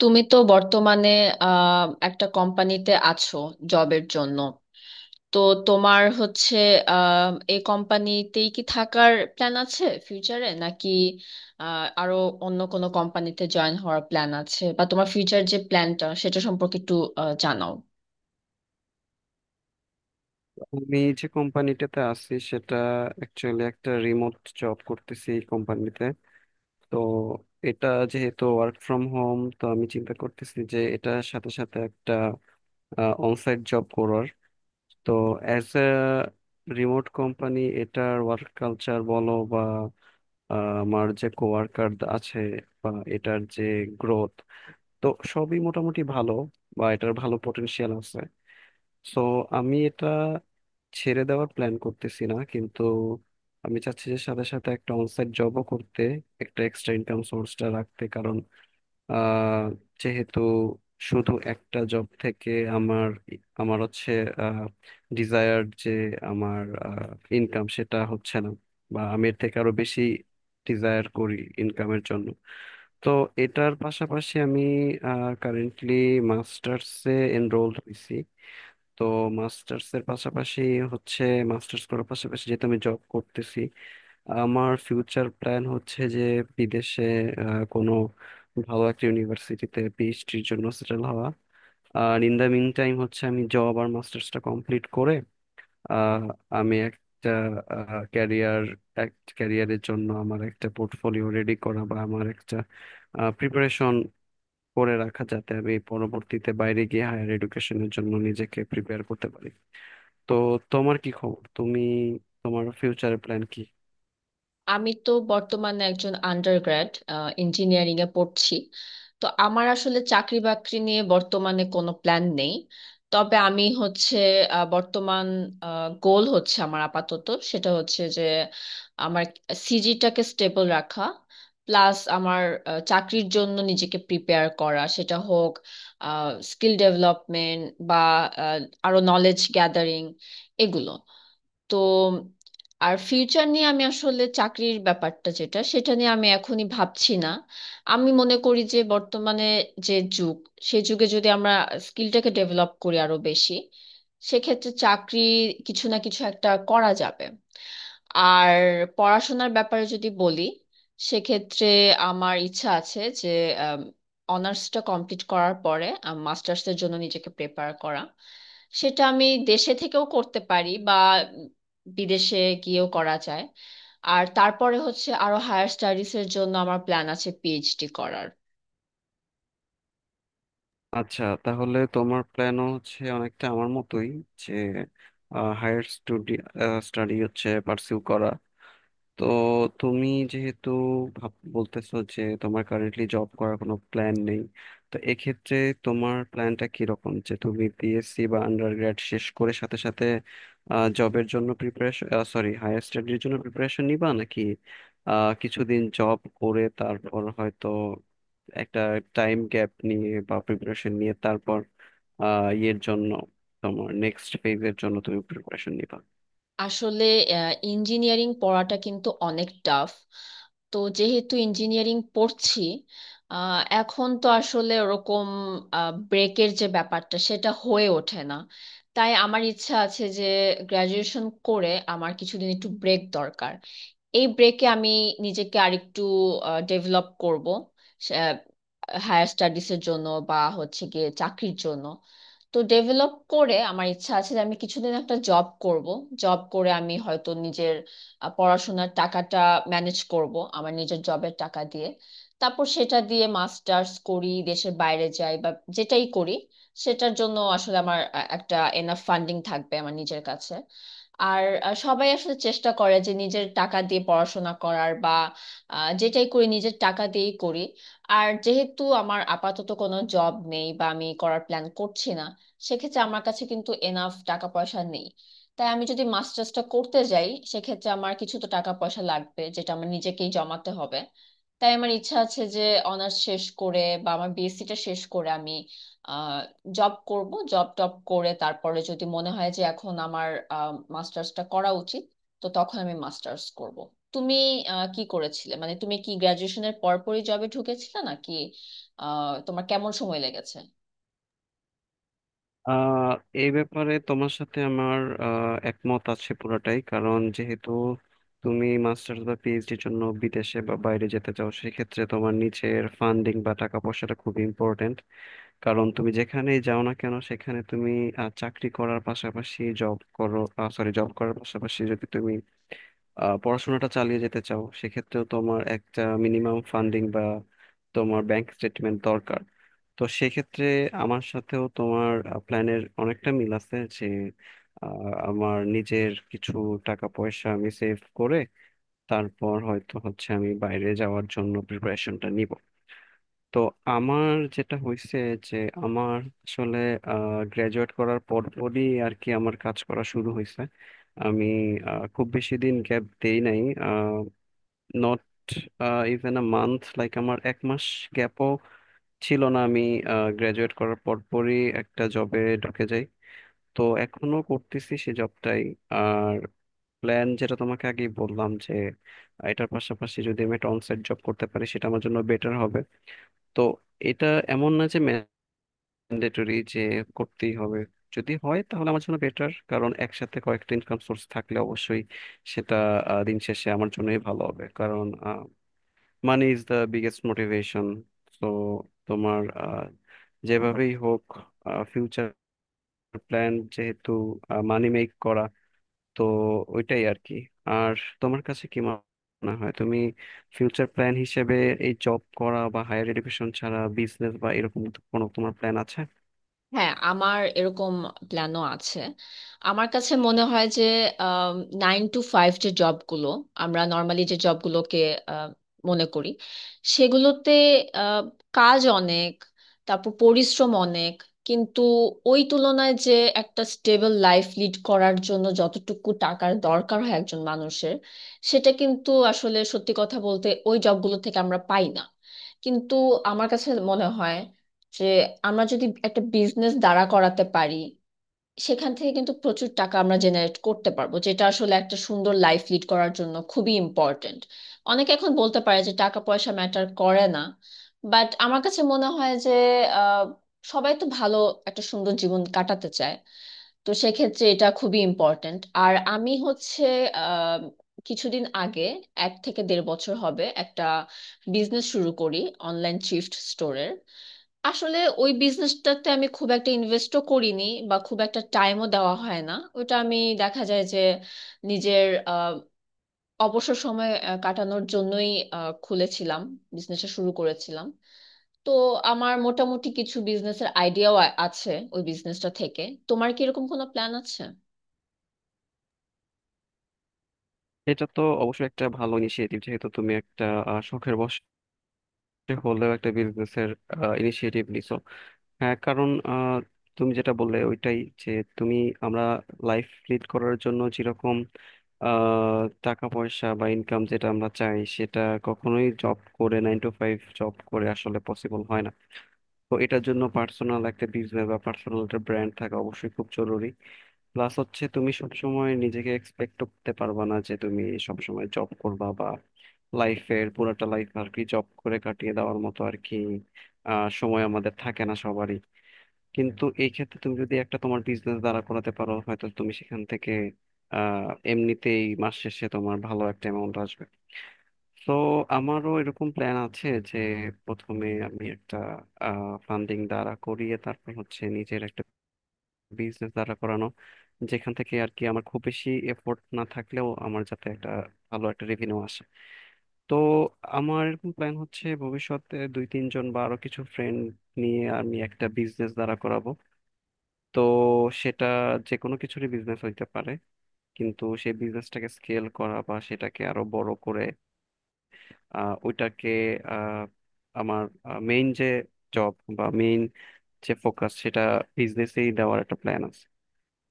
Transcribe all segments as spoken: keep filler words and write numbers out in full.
তুমি তো বর্তমানে আহ, একটা কোম্পানিতে আছো জবের জন্য। তো তোমার হচ্ছে আহ, এই কোম্পানিতেই কি থাকার প্ল্যান আছে ফিউচারে, নাকি আহ, আরো অন্য কোনো কোম্পানিতে জয়েন হওয়ার প্ল্যান আছে? বা তোমার ফিউচার যে প্ল্যানটা সেটা সম্পর্কে একটু আহ, জানাও। আমি যে কোম্পানিটাতে আছি সেটা অ্যাকচুয়ালি একটা রিমোট জব করতেছি এই কোম্পানিতে। তো এটা যেহেতু ওয়ার্ক ফ্রম হোম, তো আমি চিন্তা করতেছি যে এটার সাথে সাথে একটা অনসাইট জব করার। তো অ্যাজ এ রিমোট কোম্পানি, এটার ওয়ার্ক কালচার বলো বা আহ, আমার যে কোয়ার্কার আছে বা এটার যে গ্রোথ, তো সবই মোটামুটি ভালো, বা এটার ভালো পটেনশিয়াল আছে। সো আমি এটা ছেড়ে দেওয়ার প্ল্যান করতেছি না, কিন্তু আমি চাচ্ছি যে সাথে সাথে একটা অনসাইট জবও করতে, একটা এক্সট্রা ইনকাম সোর্সটা রাখতে। কারণ আহ, যেহেতু শুধু একটা জব থেকে আমার আমার হচ্ছে ডিজায়ার যে আমার ইনকাম, সেটা হচ্ছে না, বা আমি এর থেকে আরো বেশি ডিজায়ার করি ইনকামের জন্য। তো এটার পাশাপাশি আমি কারেন্টলি মাস্টার্সে এনরোলড হয়েছি। তো মাস্টার্স এর পাশাপাশি হচ্ছে, মাস্টার্স করার পাশাপাশি যেহেতু আমি জব করতেছি, আমার ফিউচার প্ল্যান হচ্ছে যে বিদেশে আহ, কোনো ভালো একটা ইউনিভার্সিটিতে পিএইচডির জন্য সেটেল হওয়া। আর ইন দ্য মিন টাইম হচ্ছে আমি জব আর মাস্টার্সটা কমপ্লিট করে আহ, আমি একটা ক্যারিয়ার, এক ক্যারিয়ারের জন্য আমার একটা পোর্টফোলিও রেডি করা বা আমার একটা প্রিপারেশন করে রাখা, যাতে আমি পরবর্তীতে বাইরে গিয়ে হায়ার এডুকেশনের জন্য নিজেকে প্রিপেয়ার করতে পারি। তো তোমার কি খবর? তুমি তোমার ফিউচারের প্ল্যান কি? আমি তো বর্তমানে একজন আন্ডারগ্র্যাড ইঞ্জিনিয়ারিং এ পড়ছি। তো আমার আসলে চাকরি বাকরি নিয়ে বর্তমানে কোনো প্ল্যান নেই। তবে আমি হচ্ছে আহ, বর্তমান গোল হচ্ছে আমার আপাতত, সেটা হচ্ছে যে আমার সিজিটাকে স্টেবল রাখা, প্লাস আমার আহ, চাকরির জন্য নিজেকে প্রিপেয়ার করা, সেটা হোক স্কিল ডেভেলপমেন্ট বা আহ, আরো নলেজ গ্যাদারিং, এগুলো। তো আর ফিউচার নিয়ে আমি আসলে চাকরির ব্যাপারটা যেটা, সেটা নিয়ে আমি এখনই ভাবছি না। আমি মনে করি যে বর্তমানে যে যুগ, সে যুগে যদি আমরা স্কিলটাকে ডেভেলপ করি আরো বেশি, সেক্ষেত্রে চাকরি কিছু না কিছু একটা করা যাবে। আর পড়াশোনার ব্যাপারে যদি বলি, সেক্ষেত্রে আমার ইচ্ছা আছে যে অনার্সটা কমপ্লিট করার পরে মাস্টার্সের জন্য নিজেকে প্রেপার করা। সেটা আমি দেশে থেকেও করতে পারি বা বিদেশে গিয়েও করা যায়। আর তারপরে হচ্ছে আরো হায়ার স্টাডিজ এর জন্য আমার প্ল্যান আছে পিএইচডি করার। আচ্ছা, তাহলে তোমার প্ল্যানও হচ্ছে অনেকটা আমার মতোই, যে হায়ার স্টুডি স্টাডি হচ্ছে পার্সিউ করা। তো তুমি যেহেতু ভাব বলতেছো যে তোমার কারেন্টলি জব করার কোনো প্ল্যান নেই, তো এক্ষেত্রে তোমার প্ল্যানটা কিরকম? যে তুমি বিএসসি বা আন্ডারগ্র্যাড শেষ করে সাথে সাথে জবের জন্য প্রিপারেশন, সরি হায়ার স্টাডির জন্য প্রিপারেশন নিবা, নাকি আহ, কিছুদিন জব করে তারপর হয়তো একটা টাইম গ্যাপ নিয়ে বা প্রিপারেশন নিয়ে তারপর আহ ইয়ের জন্য, তোমার নেক্সট ফেজের জন্য তুমি প্রিপারেশন নিবা? আসলে ইঞ্জিনিয়ারিং পড়াটা কিন্তু অনেক টাফ। তো যেহেতু ইঞ্জিনিয়ারিং পড়ছি, আহ, এখন তো আসলে ওরকম ব্রেকের যে ব্যাপারটা সেটা হয়ে ওঠে না। তাই আমার ইচ্ছা আছে যে গ্রাজুয়েশন করে আমার কিছুদিন একটু ব্রেক দরকার। এই ব্রেকে আমি নিজেকে আরেকটু ডেভেলপ করব হায়ার স্টাডিজের জন্য বা হচ্ছে গিয়ে চাকরির জন্য। তো ডেভেলপ করে আমার ইচ্ছা আছে যে আমি কিছুদিন একটা জব করব। জব করে আমি হয়তো নিজের আহ, পড়াশোনার টাকাটা ম্যানেজ করব আমার নিজের জবের টাকা দিয়ে। তারপর সেটা দিয়ে মাস্টার্স করি, দেশের বাইরে যাই, বা যেটাই করি সেটার জন্য আসলে আমার আহ, একটা এনাফ ফান্ডিং থাকবে আমার নিজের কাছে। আর আহ, সবাই আসলে চেষ্টা করে যে নিজের টাকা দিয়ে পড়াশোনা করার বা আহ, যেটাই করি নিজের টাকা দিয়েই করি। আর যেহেতু আমার আপাতত কোনো জব নেই বা আমি করার প্ল্যান করছি না, সেক্ষেত্রে আমার কাছে কিন্তু এনাফ টাকা পয়সা নেই। তাই আমি যদি মাস্টার্সটা করতে যাই সেক্ষেত্রে আমার কিছু তো টাকা পয়সা লাগবে, যেটা আমার নিজেকেই জমাতে হবে। তাই আমার ইচ্ছা আছে যে অনার্স শেষ করে বা আমার বিএসসিটা শেষ করে আমি আহ জব করব, জব টব করে তারপরে যদি মনে হয় যে এখন আমার মাস্টার্সটা করা উচিত, তো তখন আমি মাস্টার্স করব। তুমি আহ, কি করেছিলে, মানে তুমি কি গ্রাজুয়েশনের পরপরই জবে ঢুকেছিলে নাকি আহ তোমার কেমন সময় লেগেছে? আহ এই ব্যাপারে তোমার সাথে আমার আহ, একমত আছে পুরোটাই। কারণ যেহেতু তুমি মাস্টার্স বা পিএইচডির জন্য বিদেশে বা বাইরে যেতে চাও, সেক্ষেত্রে তোমার নিচের ফান্ডিং বা টাকা পয়সাটা খুব ইম্পর্টেন্ট। কারণ তুমি যেখানেই যাও না কেন, সেখানে তুমি আহ, চাকরি করার পাশাপাশি জব করো, সরি জব করার পাশাপাশি যদি তুমি আহ, পড়াশোনাটা চালিয়ে যেতে চাও, সেক্ষেত্রেও তোমার একটা মিনিমাম ফান্ডিং বা তোমার ব্যাংক স্টেটমেন্ট দরকার। তো সেক্ষেত্রে আমার সাথেও তোমার প্ল্যানের অনেকটা মিল আছে, যে আহ, আমার নিজের কিছু টাকা পয়সা আমি সেভ করে তারপর হয়তো হচ্ছে আমি বাইরে যাওয়ার জন্য প্রিপারেশনটা নিব। তো আমার যেটা হয়েছে যে, আমার আসলে গ্রাজুয়েট করার পরপরই আর কি আমার কাজ করা শুরু হয়েছে। আমি আহ, খুব বেশি দিন গ্যাপ দেই নাই, not even a month, like আমার এক মাস গ্যাপও ছিল না। আমি গ্রাজুয়েট করার পরপরই একটা জবে ঢুকে যাই। তো এখনো করতেছি সেই জবটাই। আর প্ল্যান যেটা তোমাকে আগেই বললাম, যে আহ, এটার পাশাপাশি যদি আমি একটা অনসাইট জব করতে পারি, সেটা আমার জন্য বেটার হবে। তো এটা এমন না যে ম্যান্ডেটরি, যে করতেই হবে। যদি হয় তাহলে আমার জন্য বেটার, কারণ একসাথে কয়েকটা ইনকাম সোর্স থাকলে অবশ্যই সেটা আহ, দিন শেষে আমার জন্যই ভালো হবে। কারণ money is the biggest motivation. তো তোমার আহ, যেভাবেই হোক ফিউচার প্ল্যান যেহেতু মানি মেক করা, তো ওইটাই আর কি। আর তোমার কাছে কি মনে হয়, তুমি ফিউচার প্ল্যান হিসেবে এই জব করা বা হায়ার এডুকেশন ছাড়া বিজনেস বা এরকম কোনো তোমার প্ল্যান আছে? হ্যাঁ, আমার এরকম প্ল্যানও আছে। আমার কাছে মনে হয় যে নাইন টু ফাইভ যে জবগুলো, আমরা নর্মালি যে জবগুলোকে আহ, মনে করি, সেগুলোতে আহ, কাজ অনেক, তারপর পরিশ্রম অনেক, কিন্তু ওই তুলনায় যে একটা স্টেবল লাইফ লিড করার জন্য যতটুকু টাকার দরকার হয় একজন মানুষের, সেটা কিন্তু আসলে সত্যি কথা বলতে ওই জবগুলো থেকে আমরা পাই না। কিন্তু আমার কাছে মনে হয় যে আমরা যদি একটা বিজনেস দাঁড়া করাতে পারি, সেখান থেকে কিন্তু প্রচুর টাকা আমরা জেনারেট করতে পারবো, যেটা আসলে একটা সুন্দর লাইফ লিড করার জন্য খুবই ইম্পর্ট্যান্ট। অনেকে এখন বলতে পারে যে টাকা পয়সা ম্যাটার করে না, বাট আমার কাছে মনে হয় যে আহ, সবাই তো ভালো একটা সুন্দর জীবন কাটাতে চায়। তো সেক্ষেত্রে এটা খুবই ইম্পর্ট্যান্ট। আর আমি হচ্ছে আহ, কিছুদিন আগে, এক থেকে দেড় বছর হবে, একটা বিজনেস শুরু করি, অনলাইন থ্রিফ্ট স্টোরের। আসলে ওই বিজনেসটাতে আমি খুব একটা ইনভেস্টও করিনি বা খুব একটা টাইমও দেওয়া হয় না। ওটা আমি, দেখা যায় যে, নিজের আহ, অবসর সময় আহ, কাটানোর জন্যই আহ, খুলেছিলাম, বিজনেসটা শুরু করেছিলাম। তো আমার মোটামুটি কিছু বিজনেসের আইডিয়াও আছে ওই বিজনেসটা থেকে। তোমার কি এরকম কোনো প্ল্যান আছে? এটা তো অবশ্যই একটা ভালো ইনিশিয়েটিভ, যেহেতু তুমি একটা আহ, শখের বশে হলেও একটা বিজনেসের ইনিশিয়েটিভ নিছো। হ্যাঁ, কারণ আহ, তুমি যেটা বললে ওইটাই, যে তুমি আমরা লাইফ লিড করার জন্য যেরকম আহ, টাকা পয়সা বা ইনকাম যেটা আমরা চাই, সেটা কখনোই জব করে, নাইন টু ফাইভ জব করে আসলে পসিবল হয় না। তো এটার জন্য পার্সোনাল একটা বিজনেস বা পার্সোনাল একটা ব্র্যান্ড থাকা অবশ্যই খুব জরুরি। প্লাস হচ্ছে তুমি সবসময় নিজেকে এক্সপেক্ট করতে পারবা না যে তুমি সবসময় জব করবা, বা লাইফের পুরোটা লাইফ আর কি জব করে কাটিয়ে দেওয়ার মতো আর কি আহ, সময় আমাদের থাকে না সবারই। কিন্তু এই ক্ষেত্রে তুমি যদি একটা তোমার বিজনেস দাঁড়া করাতে পারো, হয়তো তুমি সেখান থেকে আহ এমনিতেই মাস শেষে তোমার ভালো একটা অ্যামাউন্ট আসবে। তো আমারও এরকম প্ল্যান আছে যে প্রথমে আমি একটা ফান্ডিং দাঁড়া করিয়ে তারপর হচ্ছে নিজের একটা বিজনেস দাঁড়া করানো, যেখান থেকে আর কি আমার খুব বেশি এফোর্ট না থাকলেও আমার যাতে একটা ভালো একটা রেভিনিউ আসে। তো আমার এরকম প্ল্যান হচ্ছে, ভবিষ্যতে দুই তিনজন বা আরো কিছু ফ্রেন্ড নিয়ে আমি একটা বিজনেস দাঁড়া করাবো। তো সেটা যে কোনো কিছুরই বিজনেস হইতে পারে, কিন্তু সেই বিজনেসটাকে স্কেল করা বা সেটাকে আরো বড় করে আহ, ওইটাকে আহ, আমার মেইন যে জব বা মেইন যে ফোকাস, সেটা বিজনেসেই দেওয়ার একটা প্ল্যান আছে।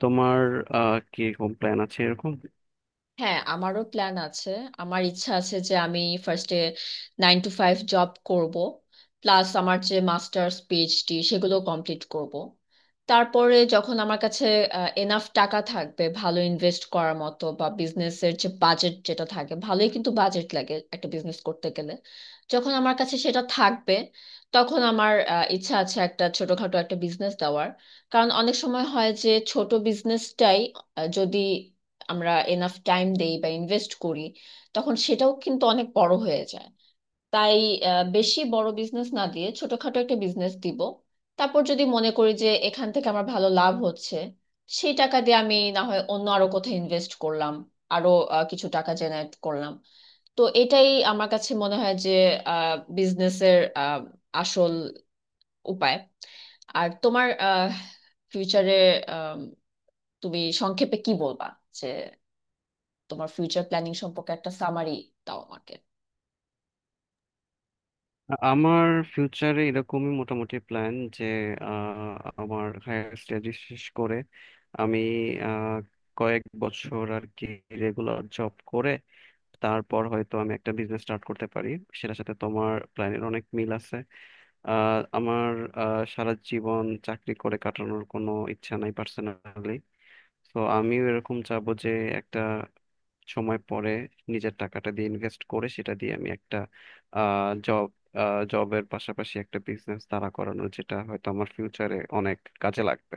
তোমার আহ, কি রকম প্ল্যান আছে এরকম? হ্যাঁ, আমারও প্ল্যান আছে। আমার ইচ্ছা আছে যে আমি ফার্স্টে নাইন টু ফাইভ জব করব, প্লাস আমার যে মাস্টার্স পিএইচডি সেগুলো কমপ্লিট করব। তারপরে যখন আমার কাছে এনাফ টাকা থাকবে ভালো ইনভেস্ট করার মতো, বা বিজনেসের যে বাজেট, যেটা থাকে ভালোই কিন্তু বাজেট লাগে একটা বিজনেস করতে গেলে, যখন আমার কাছে সেটা থাকবে তখন আমার আহ, ইচ্ছা আছে একটা ছোটখাটো একটা বিজনেস দেওয়ার। কারণ অনেক সময় হয় যে ছোট বিজনেসটাই যদি আমরা এনাফ টাইম দেই বা ইনভেস্ট করি, তখন সেটাও কিন্তু অনেক বড় হয়ে যায়। তাই আহ, বেশি বড় বিজনেস না দিয়ে ছোটখাটো একটা বিজনেস দিব। তারপর যদি মনে করি যে এখান থেকে আমার ভালো লাভ হচ্ছে, সেই টাকা দিয়ে আমি না হয় অন্য আরো কোথাও ইনভেস্ট করলাম, আরো আহ, কিছু টাকা জেনারেট করলাম। তো এটাই আমার কাছে মনে হয় যে বিজনেসের আসল উপায়। আর তোমার ফিউচারে তুমি সংক্ষেপে কি বলবা, যে তোমার ফিউচার প্ল্যানিং সম্পর্কে একটা সামারি দাও আমাকে। আমার ফিউচারে এরকমই মোটামুটি প্ল্যান, যে আহ, আমার হায়ার স্টাডি শেষ করে আমি আহ, কয়েক বছর আর কি রেগুলার জব করে তারপর হয়তো আমি একটা বিজনেস স্টার্ট করতে পারি। সেটার সাথে তোমার প্ল্যানের অনেক মিল আছে। আহ, আমার আহ, সারা জীবন চাকরি করে কাটানোর কোনো ইচ্ছা নাই পার্সোনালি। তো আমিও এরকম চাবো যে একটা সময় পরে নিজের টাকাটা দিয়ে ইনভেস্ট করে সেটা দিয়ে আমি একটা জব জবের পাশাপাশি একটা বিজনেস দাঁড়া করানো, যেটা হয়তো আমার ফিউচারে অনেক কাজে লাগবে।